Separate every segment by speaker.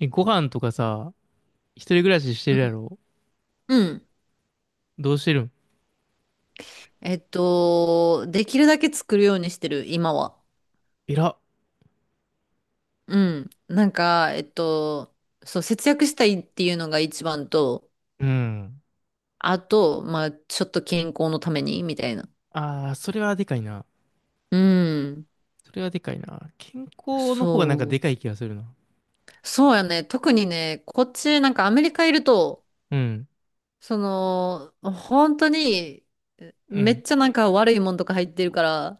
Speaker 1: え、ご飯とかさ、一人暮らしして
Speaker 2: う
Speaker 1: るや
Speaker 2: ん。
Speaker 1: ろ？
Speaker 2: うん。
Speaker 1: どうしてるん？
Speaker 2: できるだけ作るようにしてる、今は。
Speaker 1: えら。
Speaker 2: うん。節約したいっていうのが一番と、
Speaker 1: うん。
Speaker 2: あと、まあ、ちょっと健康のために、みたいな。
Speaker 1: ああ、それはでかいな。
Speaker 2: うん。
Speaker 1: それはでかいな。健康の方がなんかで
Speaker 2: そう。
Speaker 1: かい気がするな。
Speaker 2: そうやね。特にね、こっち、なんかアメリカいると、
Speaker 1: うん。
Speaker 2: その、本当に、
Speaker 1: う
Speaker 2: め
Speaker 1: ん。
Speaker 2: っちゃなんか悪いもんとか入ってるから、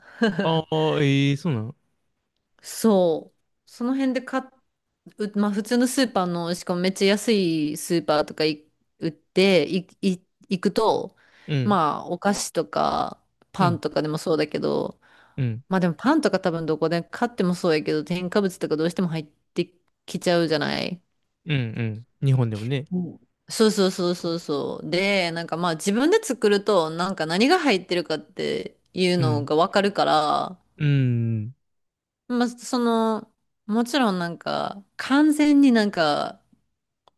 Speaker 1: あ あ、ええそうなの？
Speaker 2: そう。その辺で買っう、まあ普通のスーパーの、しかもめっちゃ安いスーパーとかい売って、い、い、行くと、
Speaker 1: うん。
Speaker 2: まあお菓子とか
Speaker 1: う
Speaker 2: パン
Speaker 1: ん。
Speaker 2: とかでもそうだけど、
Speaker 1: うん。
Speaker 2: まあでもパンとか多分どこで買ってもそうやけど、添加物とかどうしても入ってきちゃうじゃない。
Speaker 1: うん。うん。日本でもね。
Speaker 2: うん。そうそうそうそうそう。で、なんかまあ自分で作ると、なんか何が入ってるかっていう
Speaker 1: う
Speaker 2: の
Speaker 1: ん。
Speaker 2: がわかるから、
Speaker 1: うん。
Speaker 2: まあその、もちろんなんか完全になんか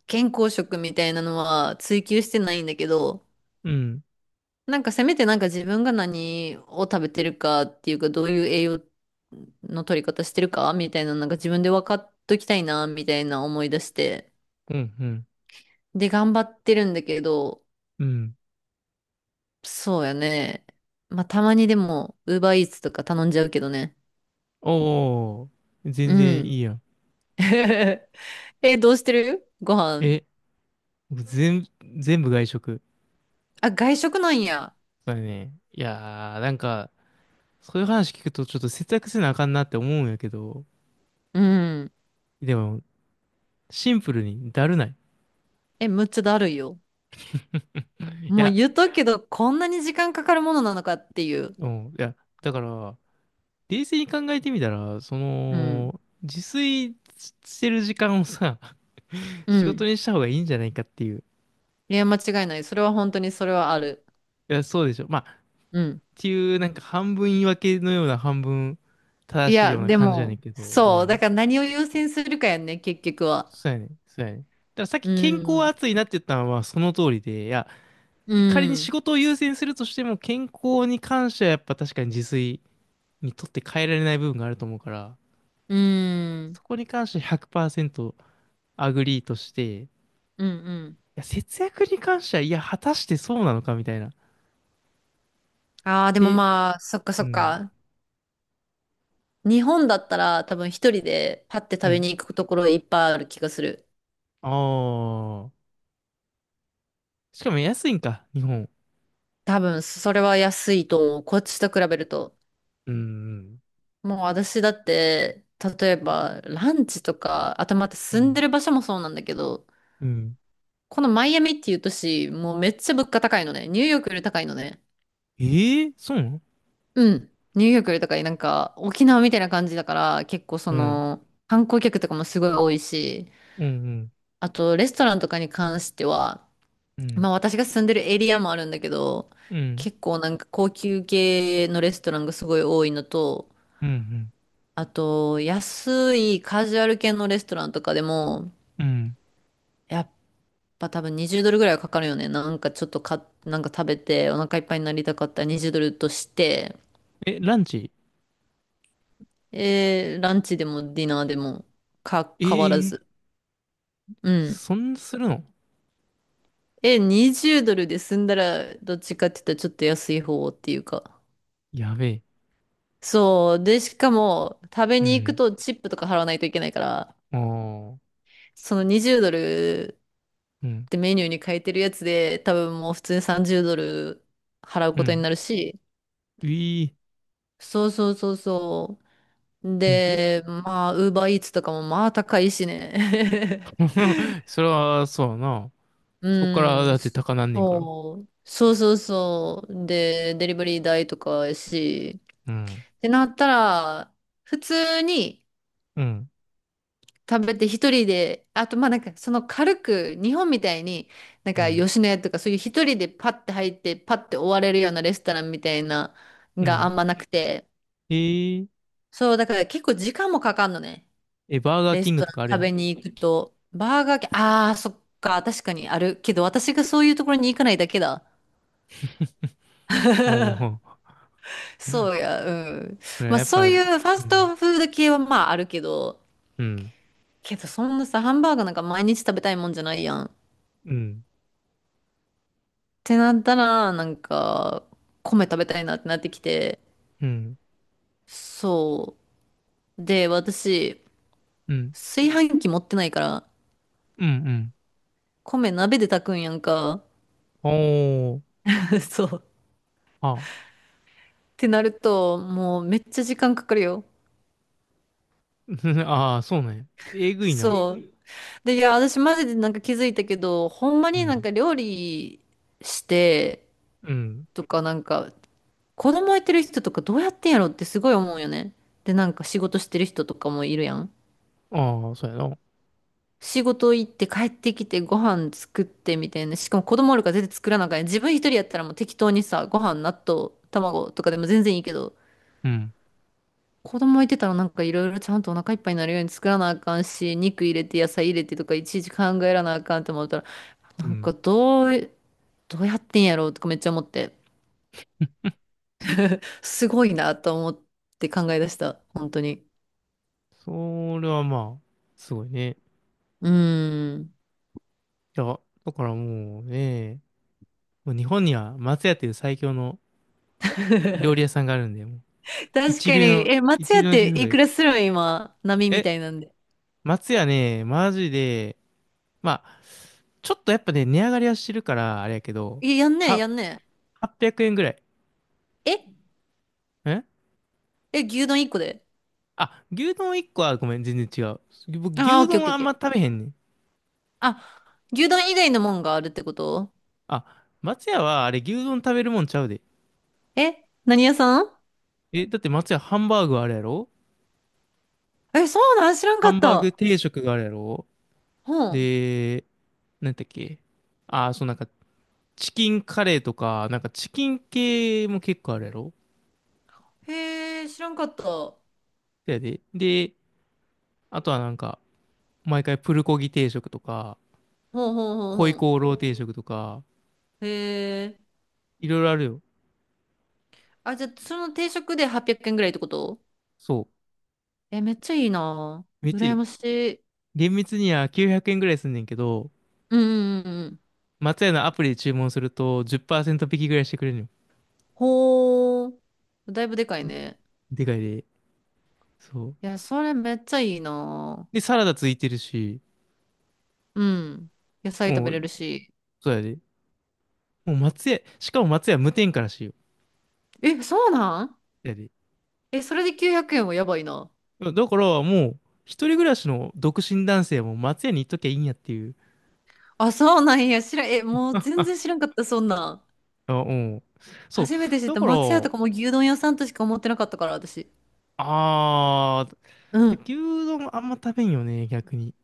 Speaker 2: 健康食みたいなのは追求してないんだけど、
Speaker 1: うん。
Speaker 2: なんかせめてなんか自分が何を食べてるかっていうか、どういう栄養の取り方してるかみたいな、なんか自分で分かっときたいな、みたいな思い出して。
Speaker 1: うん。うん。
Speaker 2: で、頑張ってるんだけど、
Speaker 1: うん。
Speaker 2: そうやね。まあ、たまにでも、ウーバーイーツとか頼んじゃうけどね。
Speaker 1: おー。全
Speaker 2: う
Speaker 1: 然い
Speaker 2: ん。
Speaker 1: いやん。
Speaker 2: え、どうしてるご飯。
Speaker 1: え、全、全部外食。
Speaker 2: あ、外食なんや。
Speaker 1: そうだね。いやー、なんか、そういう話聞くとちょっと節約せなあかんなって思うんやけど、
Speaker 2: うん。
Speaker 1: でも、シンプルにだるない？
Speaker 2: え、むっちゃだるいよ。
Speaker 1: い
Speaker 2: もう
Speaker 1: や、
Speaker 2: 言っとくけど、こんなに時間かかるものなのかっていう。
Speaker 1: うん、いや、だから、冷静に考えてみたら、そ
Speaker 2: うん。
Speaker 1: の、自炊してる時間をさ、
Speaker 2: う
Speaker 1: 仕事
Speaker 2: ん。
Speaker 1: にした方がいいんじゃないかっていう。
Speaker 2: いや、間違いない。それは本当にそれはある。
Speaker 1: いや、そうでしょ。まあ、っ
Speaker 2: うん。
Speaker 1: ていう、なんか半分言い訳のような半分
Speaker 2: い
Speaker 1: 正しい
Speaker 2: や、
Speaker 1: ような
Speaker 2: で
Speaker 1: 感じやねん
Speaker 2: も、
Speaker 1: けど、う
Speaker 2: そう。だ
Speaker 1: ん。
Speaker 2: から何を優先するかやんね、結局は。
Speaker 1: そうやねん、そうやねん。だからさっき
Speaker 2: う
Speaker 1: 健康は
Speaker 2: ん。
Speaker 1: 熱いなって言ったのはその通りで、いや、
Speaker 2: う
Speaker 1: 仮に仕
Speaker 2: ん。
Speaker 1: 事を優先するとしても、健康に関してはやっぱ確かに自炊にとって変えられない部分があると思うから、
Speaker 2: うん。
Speaker 1: そこに関して100%アグリーとして、い
Speaker 2: うん。
Speaker 1: や、節約に関しては、いや、果たしてそうなのかみたいな。っ
Speaker 2: ああー、でも
Speaker 1: て、
Speaker 2: まあ、そっか
Speaker 1: う
Speaker 2: そっ
Speaker 1: ん、
Speaker 2: か。日本だったら多分一人でパッて
Speaker 1: う
Speaker 2: 食べ
Speaker 1: ん。
Speaker 2: に行くところいっぱいある気がする。
Speaker 1: ああ。しかも安いんか、日本？
Speaker 2: 多分、それは安いと思う。こっちと比べると。
Speaker 1: うん、うん、
Speaker 2: もう私だって、例えばランチとか、あとまた
Speaker 1: う
Speaker 2: 住んで
Speaker 1: ん。
Speaker 2: る場所もそうなんだけど、
Speaker 1: うん。
Speaker 2: このマイアミっていう都市、もうめっちゃ物価高いのね。ニューヨークより高いのね。
Speaker 1: ええー、そうなの？
Speaker 2: うん。ニューヨークより高い。なんか沖縄みたいな感じだから、結構そ
Speaker 1: うん、
Speaker 2: の観光客とかもすごい多いし、
Speaker 1: うん、
Speaker 2: あとレストランとかに関しては、
Speaker 1: うん、
Speaker 2: まあ私が住んでるエリアもあるんだけど、
Speaker 1: うん、うん、
Speaker 2: 結構なんか高級系のレストランがすごい多いのと、
Speaker 1: うん、
Speaker 2: あと安いカジュアル系のレストランとかでも、
Speaker 1: うん。
Speaker 2: やっまあ多分20ドルぐらいはかかるよね。なんかちょっとか、なんか食べてお腹いっぱいになりたかったら20ドルとして、
Speaker 1: え、ランチ？
Speaker 2: ランチでもディナーでも
Speaker 1: え
Speaker 2: 変わら
Speaker 1: えー、
Speaker 2: ず。うん。
Speaker 1: そんなするの？
Speaker 2: え、20ドルで済んだらどっちかって言ったらちょっと安い方っていうか。
Speaker 1: やべえ。
Speaker 2: そう。で、しかも食べ
Speaker 1: う
Speaker 2: に行く
Speaker 1: ん。
Speaker 2: とチップとか払わないといけないから、
Speaker 1: ああ、
Speaker 2: その20ドル
Speaker 1: う
Speaker 2: っ
Speaker 1: ん、
Speaker 2: てメニューに変えてるやつで多分もう普通に30ドル払う
Speaker 1: う
Speaker 2: ことに
Speaker 1: ん。
Speaker 2: なるし、
Speaker 1: うい。
Speaker 2: そうそうそうそう。
Speaker 1: えぐ。
Speaker 2: で、まあ、ウーバーイーツとかもまあ高いしね。
Speaker 1: それは、そうやな。そっか
Speaker 2: う
Speaker 1: らだ
Speaker 2: ん、
Speaker 1: って高なんねんから。
Speaker 2: そう、そうそうそう。で、デリバリー代とかやし、
Speaker 1: うん。
Speaker 2: ってなったら、普通に
Speaker 1: うん。
Speaker 2: 食べて一人で、あとまあなんかその軽く、日本みたいに、なん
Speaker 1: う
Speaker 2: か
Speaker 1: ん。
Speaker 2: 吉野家とかそういう一人でパッて入って、パッて終われるようなレストランみたいなの
Speaker 1: う
Speaker 2: があ
Speaker 1: ん。
Speaker 2: んまなくて、
Speaker 1: えー、
Speaker 2: そう、だから結構時間もかかんのね。
Speaker 1: え、バーガー
Speaker 2: レ
Speaker 1: キ
Speaker 2: ス
Speaker 1: ング
Speaker 2: ト
Speaker 1: と
Speaker 2: ラン
Speaker 1: かある
Speaker 2: 食
Speaker 1: やん。
Speaker 2: べに行くと、バーガー系、ああ、そっか、確かにあるけど、私がそういうところに行かないだけだ。
Speaker 1: お お。
Speaker 2: そ うや、うん。
Speaker 1: ね
Speaker 2: まあ
Speaker 1: やっ
Speaker 2: そ
Speaker 1: ぱ、
Speaker 2: う
Speaker 1: う
Speaker 2: いうファス
Speaker 1: ん。
Speaker 2: トフード系はまああるけど、
Speaker 1: うん。
Speaker 2: けどそんなさ、ハンバーガーなんか毎日食べたいもんじゃないやん。っ
Speaker 1: うん。
Speaker 2: てなったら、なんか、米食べたいなってなってきて、
Speaker 1: うん。
Speaker 2: そう。で、私、
Speaker 1: うん。
Speaker 2: 炊飯器持ってないから、
Speaker 1: うん。うん。
Speaker 2: 米鍋で炊くんやんか。
Speaker 1: おお。
Speaker 2: そう。
Speaker 1: あ。
Speaker 2: ってなると、もうめっちゃ時間かかるよ。
Speaker 1: ああ、そうなんや。えぐいな。
Speaker 2: そう。で、いや、私マジでなんか気づいたけど、ほんま
Speaker 1: う
Speaker 2: になん
Speaker 1: ん。
Speaker 2: か料理して
Speaker 1: うん。
Speaker 2: とかなんか、子供いてる人とかどうやってんやろってすごい思うよね。で、なんか仕事してる人とかもいるやん。
Speaker 1: ああ、そうやな。
Speaker 2: 仕事行って帰ってきてご飯作ってみたいな。しかも子供おるから全然作らなあかんやん。自分一人やったらもう適当にさ、ご飯、納豆、卵とかでも全然いいけど、
Speaker 1: うん。
Speaker 2: 子供いてたらなんかいろいろちゃんとお腹いっぱいになるように作らなあかんし、肉入れて野菜入れてとかいちいち考えらなあかんって思ったらな
Speaker 1: う
Speaker 2: ん
Speaker 1: ん。
Speaker 2: かどう、どうやってんやろうとかめっちゃ思って、すごいなと思って考え出した、本当に。
Speaker 1: それはまあ、すごいね。
Speaker 2: うん。
Speaker 1: いや、だからもうね、もう日本には松屋っていう最強の料理屋 さんがあるんで、
Speaker 2: 確
Speaker 1: 一
Speaker 2: かに、
Speaker 1: 流の、
Speaker 2: え、松
Speaker 1: 一
Speaker 2: 屋っ
Speaker 1: 流のシ
Speaker 2: て
Speaker 1: ェフが
Speaker 2: い
Speaker 1: 言
Speaker 2: く
Speaker 1: う。
Speaker 2: らするん今、波み
Speaker 1: え、
Speaker 2: たいなんで。
Speaker 1: 松屋ね、マジで、まあ、ちょっとやっぱね、値上がりはしてるから、あれやけど、
Speaker 2: え、やんねえ、
Speaker 1: は、
Speaker 2: やんね
Speaker 1: 800円ぐらい。
Speaker 2: え。え、
Speaker 1: ん。
Speaker 2: え、牛丼一個で
Speaker 1: あ、牛丼1個はごめん、全然違う。僕、
Speaker 2: あ
Speaker 1: 牛
Speaker 2: あけオ
Speaker 1: 丼
Speaker 2: ッケ
Speaker 1: は
Speaker 2: ー
Speaker 1: あ
Speaker 2: オッ
Speaker 1: ん
Speaker 2: ケーオッ
Speaker 1: ま
Speaker 2: ケー。
Speaker 1: 食べへんねん。
Speaker 2: あ、牛丼以外のもんがあるってこと。
Speaker 1: あ、松屋はあれ、牛丼食べるもんちゃうで。
Speaker 2: え、何屋さん。
Speaker 1: え、だって松屋ハンバーグあるやろ？
Speaker 2: え、そうなん知らんか
Speaker 1: ハ
Speaker 2: っ
Speaker 1: ンバーグ
Speaker 2: た。
Speaker 1: 定食があるやろ？
Speaker 2: ほん。
Speaker 1: で、なんだっけ？あ、そうなんか、チキンカレーとか、なんかチキン系も結構あるやろ？
Speaker 2: へえ、知らんかった。ほん
Speaker 1: そやで。で、あとはなんか、毎回プルコギ定食とか、
Speaker 2: ほんほん
Speaker 1: ホイ
Speaker 2: ほん。
Speaker 1: コーロー定食とか、
Speaker 2: へえ。
Speaker 1: いろいろあるよ。
Speaker 2: あ、じゃあ、その定食で800円ぐらいってこと。
Speaker 1: そ
Speaker 2: え、めっちゃいいな。
Speaker 1: う。めっちゃい
Speaker 2: 羨
Speaker 1: い、
Speaker 2: ましい。
Speaker 1: 厳密には900円ぐらいすんねんけど、
Speaker 2: うんうんうんうん。
Speaker 1: 松屋のアプリで注文すると10%引きぐらいしてくれるのよ。
Speaker 2: ほー。だいぶでかいね。
Speaker 1: でかいで。そう。
Speaker 2: いや、それめっちゃいいな。
Speaker 1: で、サラダついてるし、
Speaker 2: うん。野菜食
Speaker 1: も
Speaker 2: べ
Speaker 1: う、
Speaker 2: れるし。
Speaker 1: そうやで。もう松屋、しかも松屋無添加らしいよ。
Speaker 2: え、そうなん。
Speaker 1: やで。
Speaker 2: え、それで900円はやばいな。
Speaker 1: だからもう、一人暮らしの独身男性も松屋に行っときゃいいんやっていう。
Speaker 2: あ、そうなんや。え、もう全然知らんかった、そんなん。
Speaker 1: あ、うん。そう。
Speaker 2: 初めて知っ
Speaker 1: だ
Speaker 2: た。
Speaker 1: から、
Speaker 2: 松屋とかも牛丼屋さんとしか思ってなかったから、私。
Speaker 1: あ
Speaker 2: う
Speaker 1: ー、
Speaker 2: ん。
Speaker 1: 牛丼あんま食べんよね、逆に。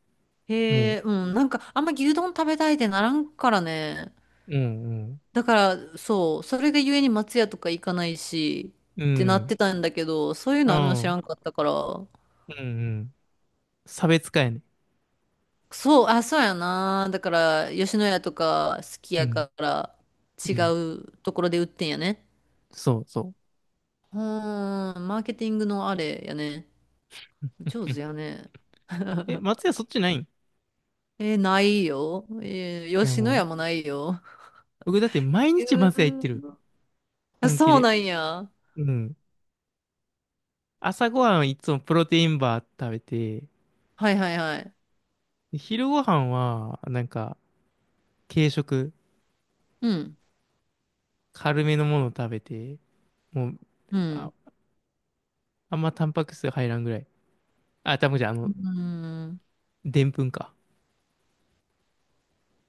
Speaker 2: へ
Speaker 1: も
Speaker 2: え、うん。なんか、あんま牛丼食べたいってならんからね。
Speaker 1: う、うん、
Speaker 2: だから、そう、それでゆえに松屋とか行かないし、
Speaker 1: うん、う
Speaker 2: ってなっ
Speaker 1: ん、
Speaker 2: てたんだけど、そういう
Speaker 1: う
Speaker 2: のあるの知ら
Speaker 1: ん、
Speaker 2: んかったから、
Speaker 1: うん、うん。差別化やね。
Speaker 2: そう、あ、そうやな。だから、吉野家とか好き
Speaker 1: う
Speaker 2: や
Speaker 1: ん、
Speaker 2: から、違
Speaker 1: うん。
Speaker 2: うところで売ってんやね。
Speaker 1: そう、そ
Speaker 2: うーん、マーケティングのあれやね。
Speaker 1: う。
Speaker 2: 上
Speaker 1: うん。
Speaker 2: 手やね。
Speaker 1: え、松屋そっちないん？い
Speaker 2: えないよ。えー
Speaker 1: や、
Speaker 2: 吉野
Speaker 1: も
Speaker 2: 家
Speaker 1: う、
Speaker 2: もないよ。
Speaker 1: 僕だって
Speaker 2: え
Speaker 1: 毎日松屋行ってる。
Speaker 2: ー、あ
Speaker 1: 本気
Speaker 2: そう
Speaker 1: で。
Speaker 2: なんや。
Speaker 1: うん。朝ごはんはいつもプロテインバー食べて、
Speaker 2: はいはいはい。
Speaker 1: で昼ごはんは、なんか、軽食、
Speaker 2: うん。
Speaker 1: 軽めのものを食べて、もう、
Speaker 2: う
Speaker 1: あ、
Speaker 2: ん。
Speaker 1: あんまタンパク質入らんぐらい。あ、タンパク質じゃあ
Speaker 2: う
Speaker 1: の、
Speaker 2: ん。
Speaker 1: でんぷんか。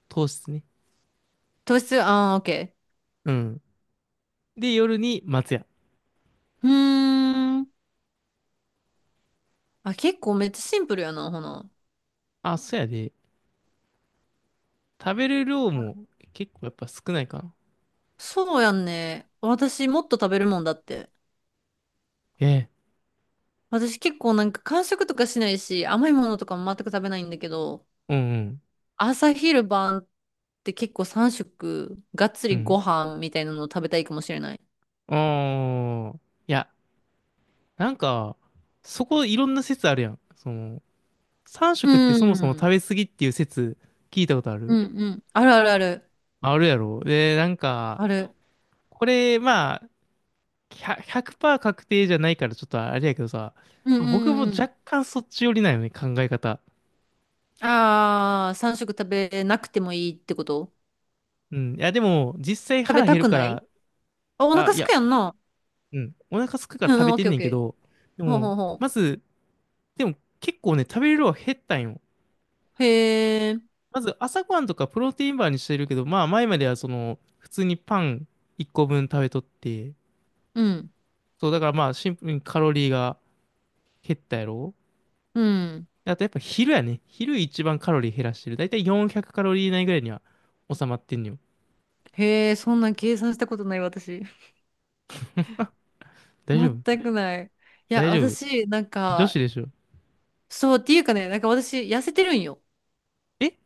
Speaker 1: 糖質ね。
Speaker 2: 糖質、ああ、OK。
Speaker 1: うん。で、夜に松屋。
Speaker 2: うーん。あ、結構めっちゃシンプルやな、ほな。
Speaker 1: あ、そうやで。食べる量も結構やっぱ少ないかな。
Speaker 2: そうやんね。私もっと食べるもんだって。
Speaker 1: ええ。
Speaker 2: 私結構なんか間食とかしないし、甘いものとかも全く食べないんだけど、
Speaker 1: うん
Speaker 2: 朝昼晩って結構3食、がっつ
Speaker 1: う
Speaker 2: り
Speaker 1: ん。
Speaker 2: ご飯みたいなのを食べたいかもしれない。
Speaker 1: うん。ああ。いや、なんか、そこいろんな説あるやん。その、3
Speaker 2: う
Speaker 1: 食ってそもそも食
Speaker 2: ん。
Speaker 1: べ過ぎっていう説聞いたことあ
Speaker 2: う
Speaker 1: る？
Speaker 2: んうん。あるあるある。
Speaker 1: あるやろ。で、なんか、
Speaker 2: ある。
Speaker 1: これ、まあ、100%確定じゃないからちょっとあれやけどさ、
Speaker 2: うんうん
Speaker 1: 僕も
Speaker 2: うんう
Speaker 1: 若
Speaker 2: ん。
Speaker 1: 干そっち寄りなんよね、考え方。
Speaker 2: ああ、3食食べなくてもいいってこと。
Speaker 1: うん。いや、でも、実際
Speaker 2: 食べ
Speaker 1: 腹
Speaker 2: た
Speaker 1: 減る
Speaker 2: く
Speaker 1: か
Speaker 2: ない。
Speaker 1: ら、
Speaker 2: あ、お
Speaker 1: あ、
Speaker 2: 腹
Speaker 1: い
Speaker 2: すく
Speaker 1: や、
Speaker 2: やんな。
Speaker 1: うん。お腹空くか
Speaker 2: う
Speaker 1: ら
Speaker 2: んう
Speaker 1: 食
Speaker 2: ん、
Speaker 1: べ
Speaker 2: オッ
Speaker 1: て
Speaker 2: ケ
Speaker 1: ん
Speaker 2: ーオ
Speaker 1: ね
Speaker 2: ッ
Speaker 1: んけ
Speaker 2: ケー。
Speaker 1: ど、で
Speaker 2: ほう
Speaker 1: も、
Speaker 2: ほうほ
Speaker 1: まず、でも結構ね、食べる量は減ったんよ。
Speaker 2: う。へえ。
Speaker 1: まず朝ごはんとかプロテインバーにしてるけど、まあ前まではその、普通にパン1個分食べとって、
Speaker 2: うん。
Speaker 1: そうだからまあシンプルにカロリーが減ったやろ。
Speaker 2: うん。
Speaker 1: あとやっぱ昼やね。昼一番カロリー減らしてる。だいたい400カロリー以内ぐらいには収まってんのよ。
Speaker 2: へえ、そんなん計算したことない、私。
Speaker 1: 大丈夫？
Speaker 2: 全くない。い
Speaker 1: 大
Speaker 2: や、
Speaker 1: 丈夫？
Speaker 2: 私、なん
Speaker 1: 女子
Speaker 2: か、
Speaker 1: でしょ？
Speaker 2: そう、っていうかね、なんか私、痩せてるんよ。
Speaker 1: え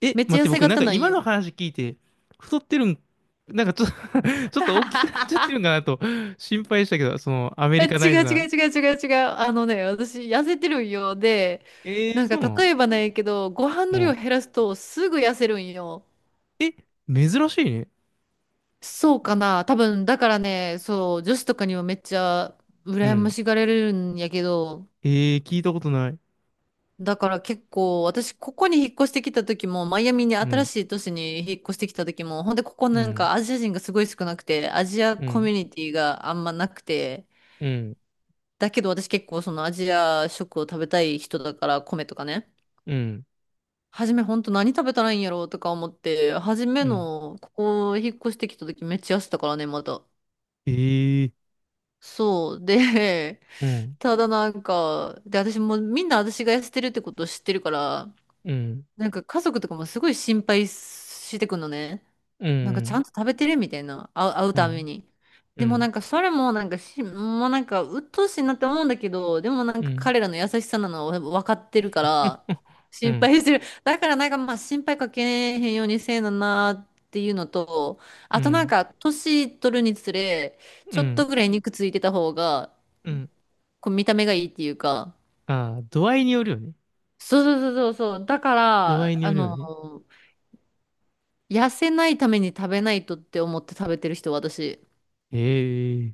Speaker 1: え、
Speaker 2: めっ
Speaker 1: 待
Speaker 2: ち
Speaker 1: っ
Speaker 2: ゃ痩
Speaker 1: て
Speaker 2: せ
Speaker 1: 僕なん
Speaker 2: 型
Speaker 1: か
Speaker 2: なん
Speaker 1: 今
Speaker 2: よ。
Speaker 1: の話聞いて太ってるん？なんかちょっと ちょっと大きくなっちゃってるんかな と心配したけど、そのアメ
Speaker 2: え
Speaker 1: リカナイ
Speaker 2: 違
Speaker 1: ズ
Speaker 2: う違
Speaker 1: な。
Speaker 2: う違う違う違う。あのね、私、痩せてるんよ。で、
Speaker 1: えー、
Speaker 2: なん
Speaker 1: そ
Speaker 2: か、
Speaker 1: うなの？
Speaker 2: 例えばなんやけど、ご飯
Speaker 1: う
Speaker 2: の量
Speaker 1: ん。
Speaker 2: 減らすと、すぐ痩せるんよ。
Speaker 1: え、珍しいね。
Speaker 2: そうかな。多分、だからね、そう、女子とかにもめっちゃ、
Speaker 1: う
Speaker 2: 羨ま
Speaker 1: ん。
Speaker 2: しがれるんやけど、
Speaker 1: ええー、聞いたことない。
Speaker 2: だから結構、私、ここに引っ越してきた時も、マイアミに
Speaker 1: う
Speaker 2: 新
Speaker 1: ん、
Speaker 2: しい都市に引っ越してきた時も、ほんで、ここ
Speaker 1: う
Speaker 2: なん
Speaker 1: ん、
Speaker 2: かアジア人がすごい少なくて、アジア
Speaker 1: う
Speaker 2: コ
Speaker 1: ん、
Speaker 2: ミュニティがあんまなくて、
Speaker 1: うん、
Speaker 2: だけど私結構そのアジア食を食べたい人だから、米とかね。
Speaker 1: うん、
Speaker 2: 初めほんと何食べたらいいんやろうとか思って、初め
Speaker 1: うん。
Speaker 2: の、ここ引っ越してきた時めっちゃ痩せたからね、また。
Speaker 1: ええー、
Speaker 2: そう。で、
Speaker 1: うん、
Speaker 2: ただなんか、で、私もみんな私が痩せてるってことを知ってるから、
Speaker 1: うん、
Speaker 2: なんか家族とかもすごい心配してくのね。
Speaker 1: う
Speaker 2: なんかちゃん
Speaker 1: ん、
Speaker 2: と食べてるみたいな、会う
Speaker 1: う
Speaker 2: ため
Speaker 1: ん、
Speaker 2: に。
Speaker 1: う
Speaker 2: でもな
Speaker 1: ん、
Speaker 2: んかそれもなんかし、もうなんか鬱陶しいなって思うんだけど、でもなん
Speaker 1: う
Speaker 2: か
Speaker 1: ん、
Speaker 2: 彼らの優しさなのは分かってるから、
Speaker 1: う
Speaker 2: 心
Speaker 1: ん、
Speaker 2: 配してる。だからなんかまあ心配かけへんようにせえななっていうのと、
Speaker 1: う
Speaker 2: あとなん
Speaker 1: ん、
Speaker 2: か年取るにつれ、
Speaker 1: う
Speaker 2: ちょっと
Speaker 1: ん、
Speaker 2: ぐらい肉ついてた方が、
Speaker 1: うん。
Speaker 2: こう見た目がいいっていうか、
Speaker 1: ああ、度合いによるよね。
Speaker 2: そうそうそうそうそう。だか
Speaker 1: 度合いに
Speaker 2: ら、あ
Speaker 1: よるよね。
Speaker 2: の、痩せないために食べないとって思って食べてる人、私。
Speaker 1: ええ